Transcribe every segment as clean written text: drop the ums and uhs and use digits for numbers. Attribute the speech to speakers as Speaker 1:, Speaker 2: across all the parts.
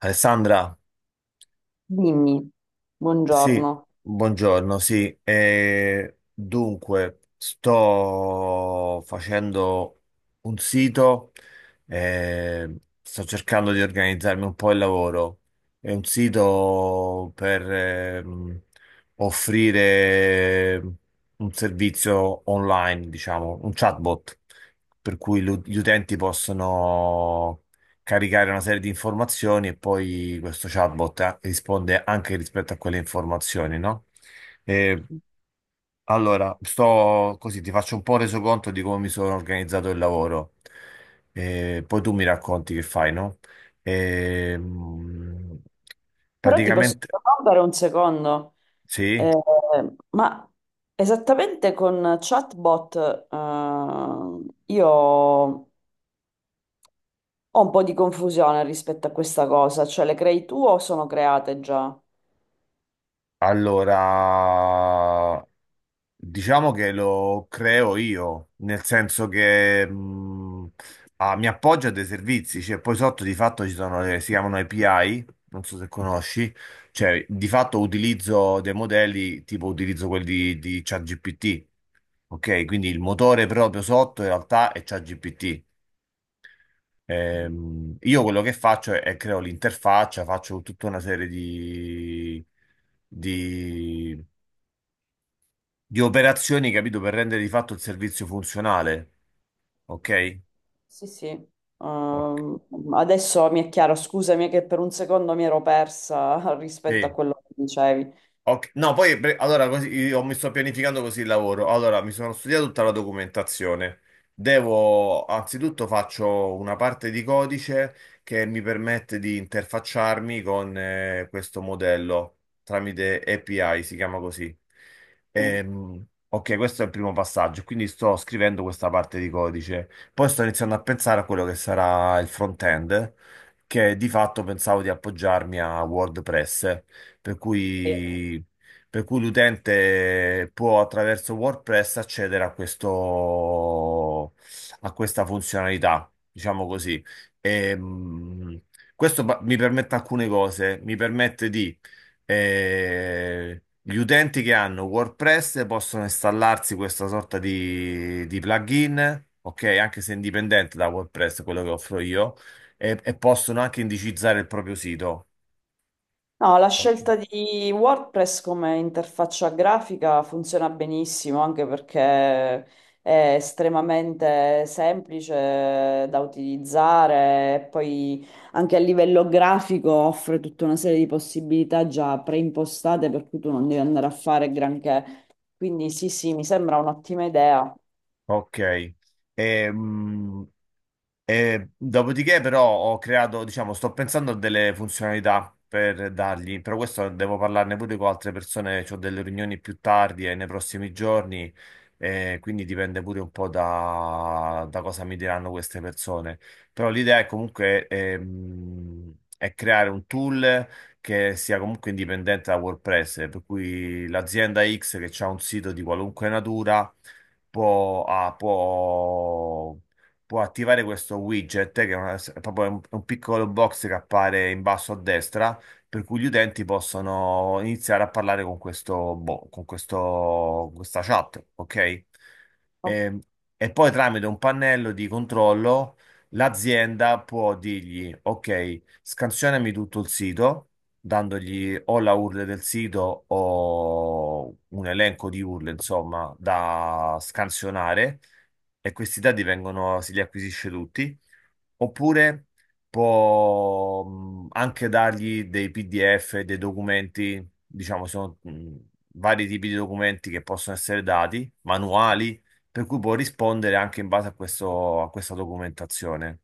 Speaker 1: Alessandra,
Speaker 2: Dimmi,
Speaker 1: sì,
Speaker 2: buongiorno.
Speaker 1: buongiorno, sì. Dunque, sto facendo un sito, eh, sto cercando di organizzarmi un po' il lavoro. È un sito per offrire un servizio online, diciamo, un chatbot, per cui gli utenti possono caricare una serie di informazioni e poi questo chatbot risponde anche rispetto a quelle informazioni, no? Eh, allora, sto così, ti faccio un po' resoconto di come mi sono organizzato il lavoro. Poi tu mi racconti che fai, no? Ehm,
Speaker 2: Però ti posso
Speaker 1: praticamente,
Speaker 2: interrompere un secondo.
Speaker 1: sì.
Speaker 2: Eh, ma esattamente con chatbot, io ho un po' di confusione rispetto a questa cosa, cioè le crei tu o sono create già?
Speaker 1: Allora, diciamo che lo creo io, nel senso che mi appoggio a dei servizi, cioè poi sotto di fatto ci sono le, si chiamano API, non so se conosci, cioè di fatto utilizzo dei modelli, tipo utilizzo quelli di ChatGPT, ok? Quindi il motore proprio sotto in realtà è ChatGPT. Io quello che faccio è creo l'interfaccia, faccio tutta una serie di operazioni, capito, per rendere di fatto il servizio funzionale. Ok?
Speaker 2: Sì, sì.
Speaker 1: Ok.
Speaker 2: Ehm, Adesso mi è chiaro, scusami che per un secondo mi ero persa rispetto a
Speaker 1: Sì.
Speaker 2: quello che dicevi.
Speaker 1: Ok. No, allora così, io mi sto pianificando così il lavoro. Allora, mi sono studiato tutta la documentazione. Devo, anzitutto faccio una parte di codice che mi permette di interfacciarmi con questo modello tramite API, si chiama così. Ok, questo è il primo passaggio, quindi sto scrivendo questa parte di codice. Poi sto iniziando a pensare a quello che sarà il front-end, che di fatto pensavo di appoggiarmi a WordPress, per
Speaker 2: Sì.
Speaker 1: cui, per cui l'utente può attraverso WordPress accedere a questo, a questa funzionalità, diciamo così. E, questo mi permette alcune cose, mi permette di... eh, gli utenti che hanno WordPress possono installarsi questa sorta di plugin, ok? Anche se indipendente da WordPress, quello che offro io, e possono anche indicizzare il proprio sito.
Speaker 2: No, la
Speaker 1: Ok.
Speaker 2: scelta di WordPress come interfaccia grafica funziona benissimo anche perché è estremamente semplice da utilizzare e poi anche a livello grafico offre tutta una serie di possibilità già preimpostate per cui tu non devi andare a fare granché. Quindi sì, sì, mi sembra un'ottima idea.
Speaker 1: Ok. Ehm, e dopodiché, però, ho creato, diciamo, sto pensando a delle funzionalità per dargli, però questo devo parlarne pure con altre persone, ho delle riunioni più tardi e nei prossimi giorni, e quindi dipende pure un po' da, da cosa mi diranno queste persone. Però l'idea è comunque è creare un tool che sia comunque indipendente da WordPress, per cui l'azienda X che ha un sito di qualunque natura può attivare questo widget, che è, è proprio un piccolo box che appare in basso a destra, per cui gli utenti possono iniziare a parlare con questo, con questo, questa chat, ok? E, e poi tramite un pannello di controllo l'azienda può dirgli, ok, scansionami tutto il sito, dandogli o la URL del sito o un elenco di URL, insomma, da scansionare e questi dati vengono, si li acquisisce tutti, oppure può anche dargli dei PDF, dei documenti, diciamo, sono vari tipi di documenti che possono essere dati, manuali, per cui può rispondere anche in base a questo, a questa documentazione,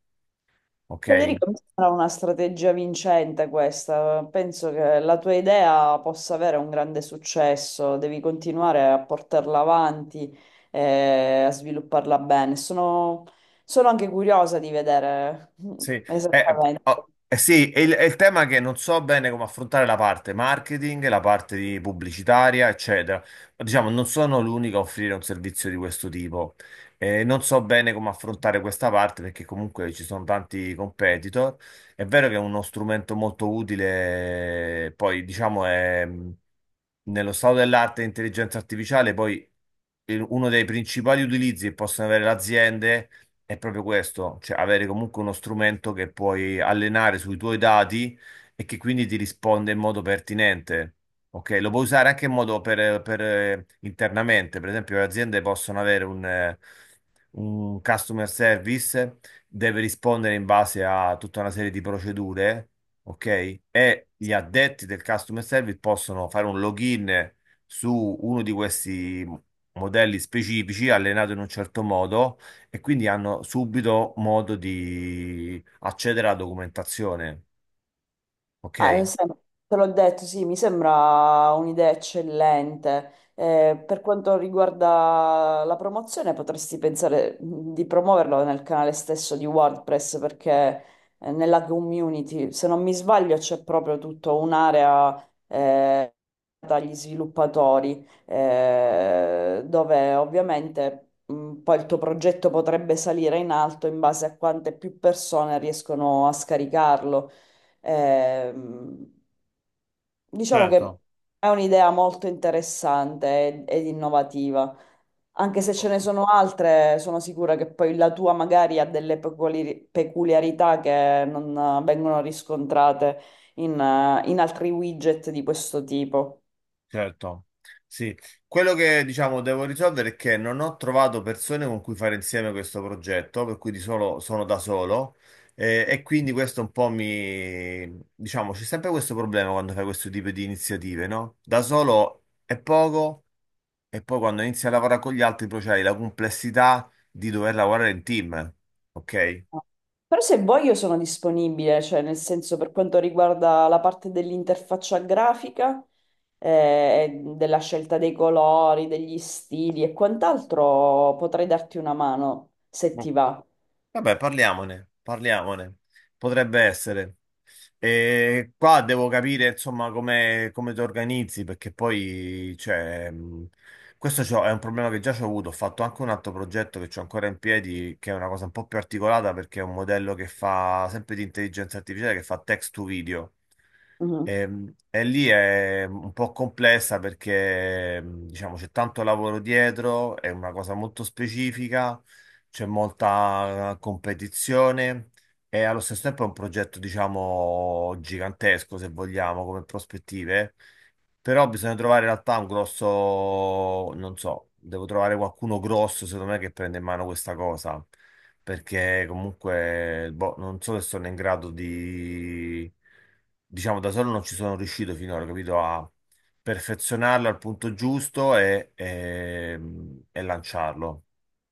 Speaker 1: ok?
Speaker 2: Federico, mi sembra una strategia vincente questa. Penso che la tua idea possa avere un grande successo. Devi continuare a portarla avanti e a svilupparla bene. Sono, sono anche curiosa di vedere,
Speaker 1: Sì,
Speaker 2: esattamente.
Speaker 1: oh, eh sì, è il tema che non so bene come affrontare la parte marketing, la parte di pubblicitaria, eccetera. Ma, diciamo, non sono l'unico a offrire un servizio di questo tipo. Non so bene come affrontare questa parte perché comunque ci sono tanti competitor. È vero che è uno strumento molto utile, poi diciamo è nello stato dell'arte e intelligenza artificiale, poi uno dei principali utilizzi che possono avere le aziende è proprio questo, cioè avere comunque uno strumento che puoi allenare sui tuoi dati e che quindi ti risponde in modo pertinente. Ok, lo puoi usare anche in modo internamente, per esempio le aziende possono avere un customer service, deve rispondere in base a tutta una serie di procedure, ok? E gli addetti del customer service possono fare un login su uno di questi modelli specifici, allenato in un certo modo e quindi hanno subito modo di accedere alla documentazione,
Speaker 2: Ah, eh,
Speaker 1: ok?
Speaker 2: sem- Te l'ho detto, sì, mi sembra un'idea eccellente. Per quanto riguarda la promozione, potresti pensare, di promuoverlo nel canale stesso di WordPress, perché nella community, se non mi sbaglio, c'è proprio tutta un'area, dagli sviluppatori, dove ovviamente, poi il tuo progetto potrebbe salire in alto in base a quante più persone riescono a scaricarlo. Ehm, diciamo che
Speaker 1: Certo,
Speaker 2: è un'idea molto interessante ed innovativa, anche se ce ne sono altre, sono sicura che poi la tua magari ha delle peculiarità che non vengono riscontrate in in altri widget di questo tipo.
Speaker 1: certo. Sì, quello che diciamo devo risolvere è che non ho trovato persone con cui fare insieme questo progetto, per cui di solo sono da solo e quindi questo un po' mi diciamo c'è sempre questo problema quando fai questo tipo di iniziative, no? Da solo è poco e poi quando inizi a lavorare con gli altri poi c'hai la complessità di dover lavorare in team, ok?
Speaker 2: Però se vuoi io sono disponibile, cioè nel senso per quanto riguarda la parte dell'interfaccia grafica, della scelta dei colori, degli stili e quant'altro, potrei darti una mano se ti va.
Speaker 1: Vabbè, parliamone, parliamone. Potrebbe essere. E qua devo capire, insomma, come, come ti organizzi, perché poi, cioè, questo è un problema che già ho avuto. Ho fatto anche un altro progetto che ho ancora in piedi, che è una cosa un po' più articolata, perché è un modello che fa sempre di intelligenza artificiale, che fa text to video.
Speaker 2: Mhm.
Speaker 1: E lì è un po' complessa perché diciamo c'è tanto lavoro dietro, è una cosa molto specifica, c'è molta competizione e allo stesso tempo è un progetto diciamo gigantesco se vogliamo come prospettive, però bisogna trovare in realtà un grosso, non so, devo trovare qualcuno grosso secondo me che prenda in mano questa cosa perché comunque boh, non so se sono in grado di, diciamo, da solo non ci sono riuscito finora, capito? A perfezionarlo al punto giusto e lanciarlo.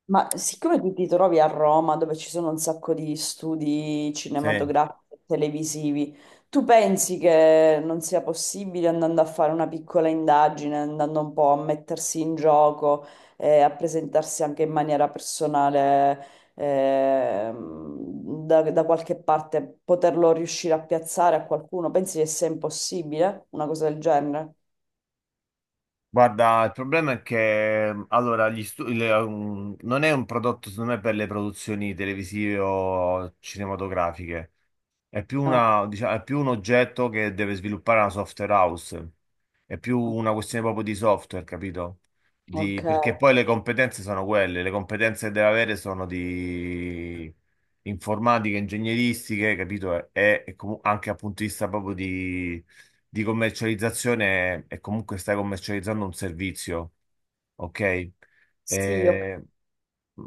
Speaker 2: Ma siccome tu ti trovi a Roma, dove ci sono un sacco di studi
Speaker 1: Sì.
Speaker 2: cinematografici e televisivi, tu pensi che non sia possibile andando a fare una piccola indagine, andando un po' a mettersi in gioco e a presentarsi anche in maniera personale, da qualche parte, poterlo riuscire a piazzare a qualcuno? Pensi che sia impossibile una cosa del genere?
Speaker 1: Guarda, il problema è che allora, gli stu- le- um, non è un prodotto, secondo me, per le produzioni televisive o cinematografiche. È più
Speaker 2: Ah,
Speaker 1: una, diciamo, è più un oggetto che deve sviluppare una software house. È più una questione proprio di software, capito?
Speaker 2: ok.
Speaker 1: Perché poi le competenze sono quelle, le competenze che deve avere sono di informatiche, ingegneristiche, capito? E, anche dal punto di vista proprio di commercializzazione, e comunque stai commercializzando un servizio, ok?
Speaker 2: Sì, ok.
Speaker 1: Eh, mh,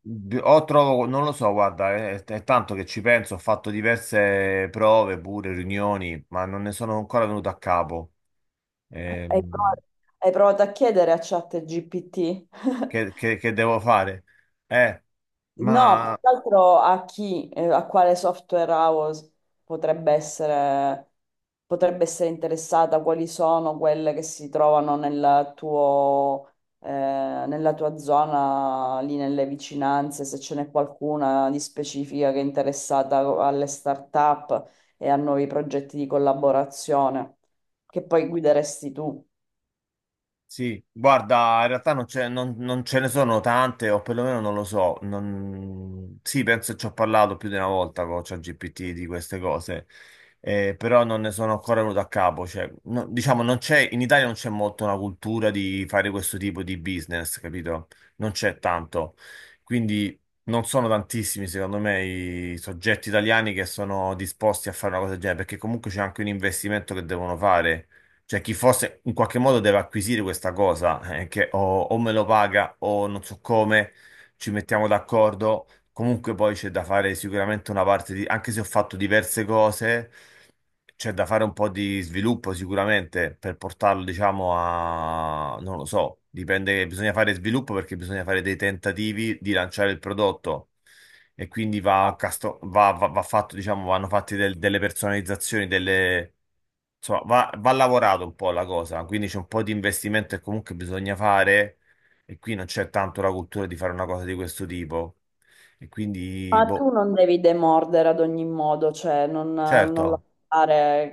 Speaker 1: o trovo, non lo so, guarda, è tanto che ci penso, ho fatto diverse prove, pure riunioni, ma non ne sono ancora venuto a capo.
Speaker 2: Hai
Speaker 1: Ehm,
Speaker 2: provato, hai provato a chiedere a ChatGPT?
Speaker 1: che, che devo fare? Eh,
Speaker 2: No, più
Speaker 1: ma
Speaker 2: che altro a chi, a quale software house potrebbe essere, potrebbe essere interessata, quali sono quelle che si trovano nel tuo, nella tua zona, lì nelle vicinanze, se ce n'è qualcuna di specifica che è interessata alle start-up e a nuovi progetti di collaborazione, che poi guideresti tu.
Speaker 1: sì, guarda, in realtà non, non ce ne sono tante, o perlomeno non lo so. Sì, penso che ci ho parlato più di una volta con ChatGPT di queste cose, però non ne sono ancora venuto a capo. Cioè, diciamo, non c'è, in Italia non c'è molto una cultura di fare questo tipo di business, capito? Non c'è tanto. Quindi non sono tantissimi, secondo me, i soggetti italiani che sono disposti a fare una cosa del genere, perché comunque c'è anche un investimento che devono fare, cioè, chi fosse in qualche modo deve acquisire questa cosa, che o me lo paga o non so come, ci mettiamo d'accordo. Comunque poi c'è da fare sicuramente una parte di, anche se ho fatto diverse cose. C'è da fare un po' di sviluppo sicuramente per portarlo, diciamo, a... non lo so, dipende, bisogna fare sviluppo perché bisogna fare dei tentativi di lanciare il prodotto e quindi va, casto- va, va- va fatto, diciamo, vanno fatte delle personalizzazioni, delle... insomma, va, va lavorato un po' la cosa, quindi c'è un po' di investimento che comunque bisogna fare e qui non c'è tanto la cultura di fare una cosa di questo tipo e quindi,
Speaker 2: Ma tu
Speaker 1: boh,
Speaker 2: non devi demordere ad ogni modo, cioè non, non
Speaker 1: certo.
Speaker 2: lasciare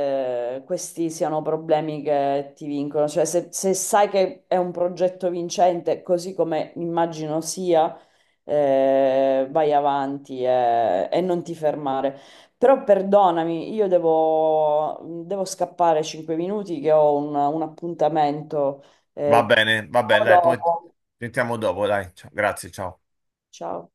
Speaker 2: che questi siano problemi che ti vincono. Cioè, se, se sai che è un progetto vincente, così come immagino sia, vai avanti e non ti fermare. Però perdonami, io devo, devo scappare 5 minuti che ho un appuntamento. Eh,
Speaker 1: Va bene,
Speaker 2: ciao
Speaker 1: dai, poi
Speaker 2: dopo.
Speaker 1: sentiamo dopo, dai. Ciao, grazie, ciao.
Speaker 2: Ciao.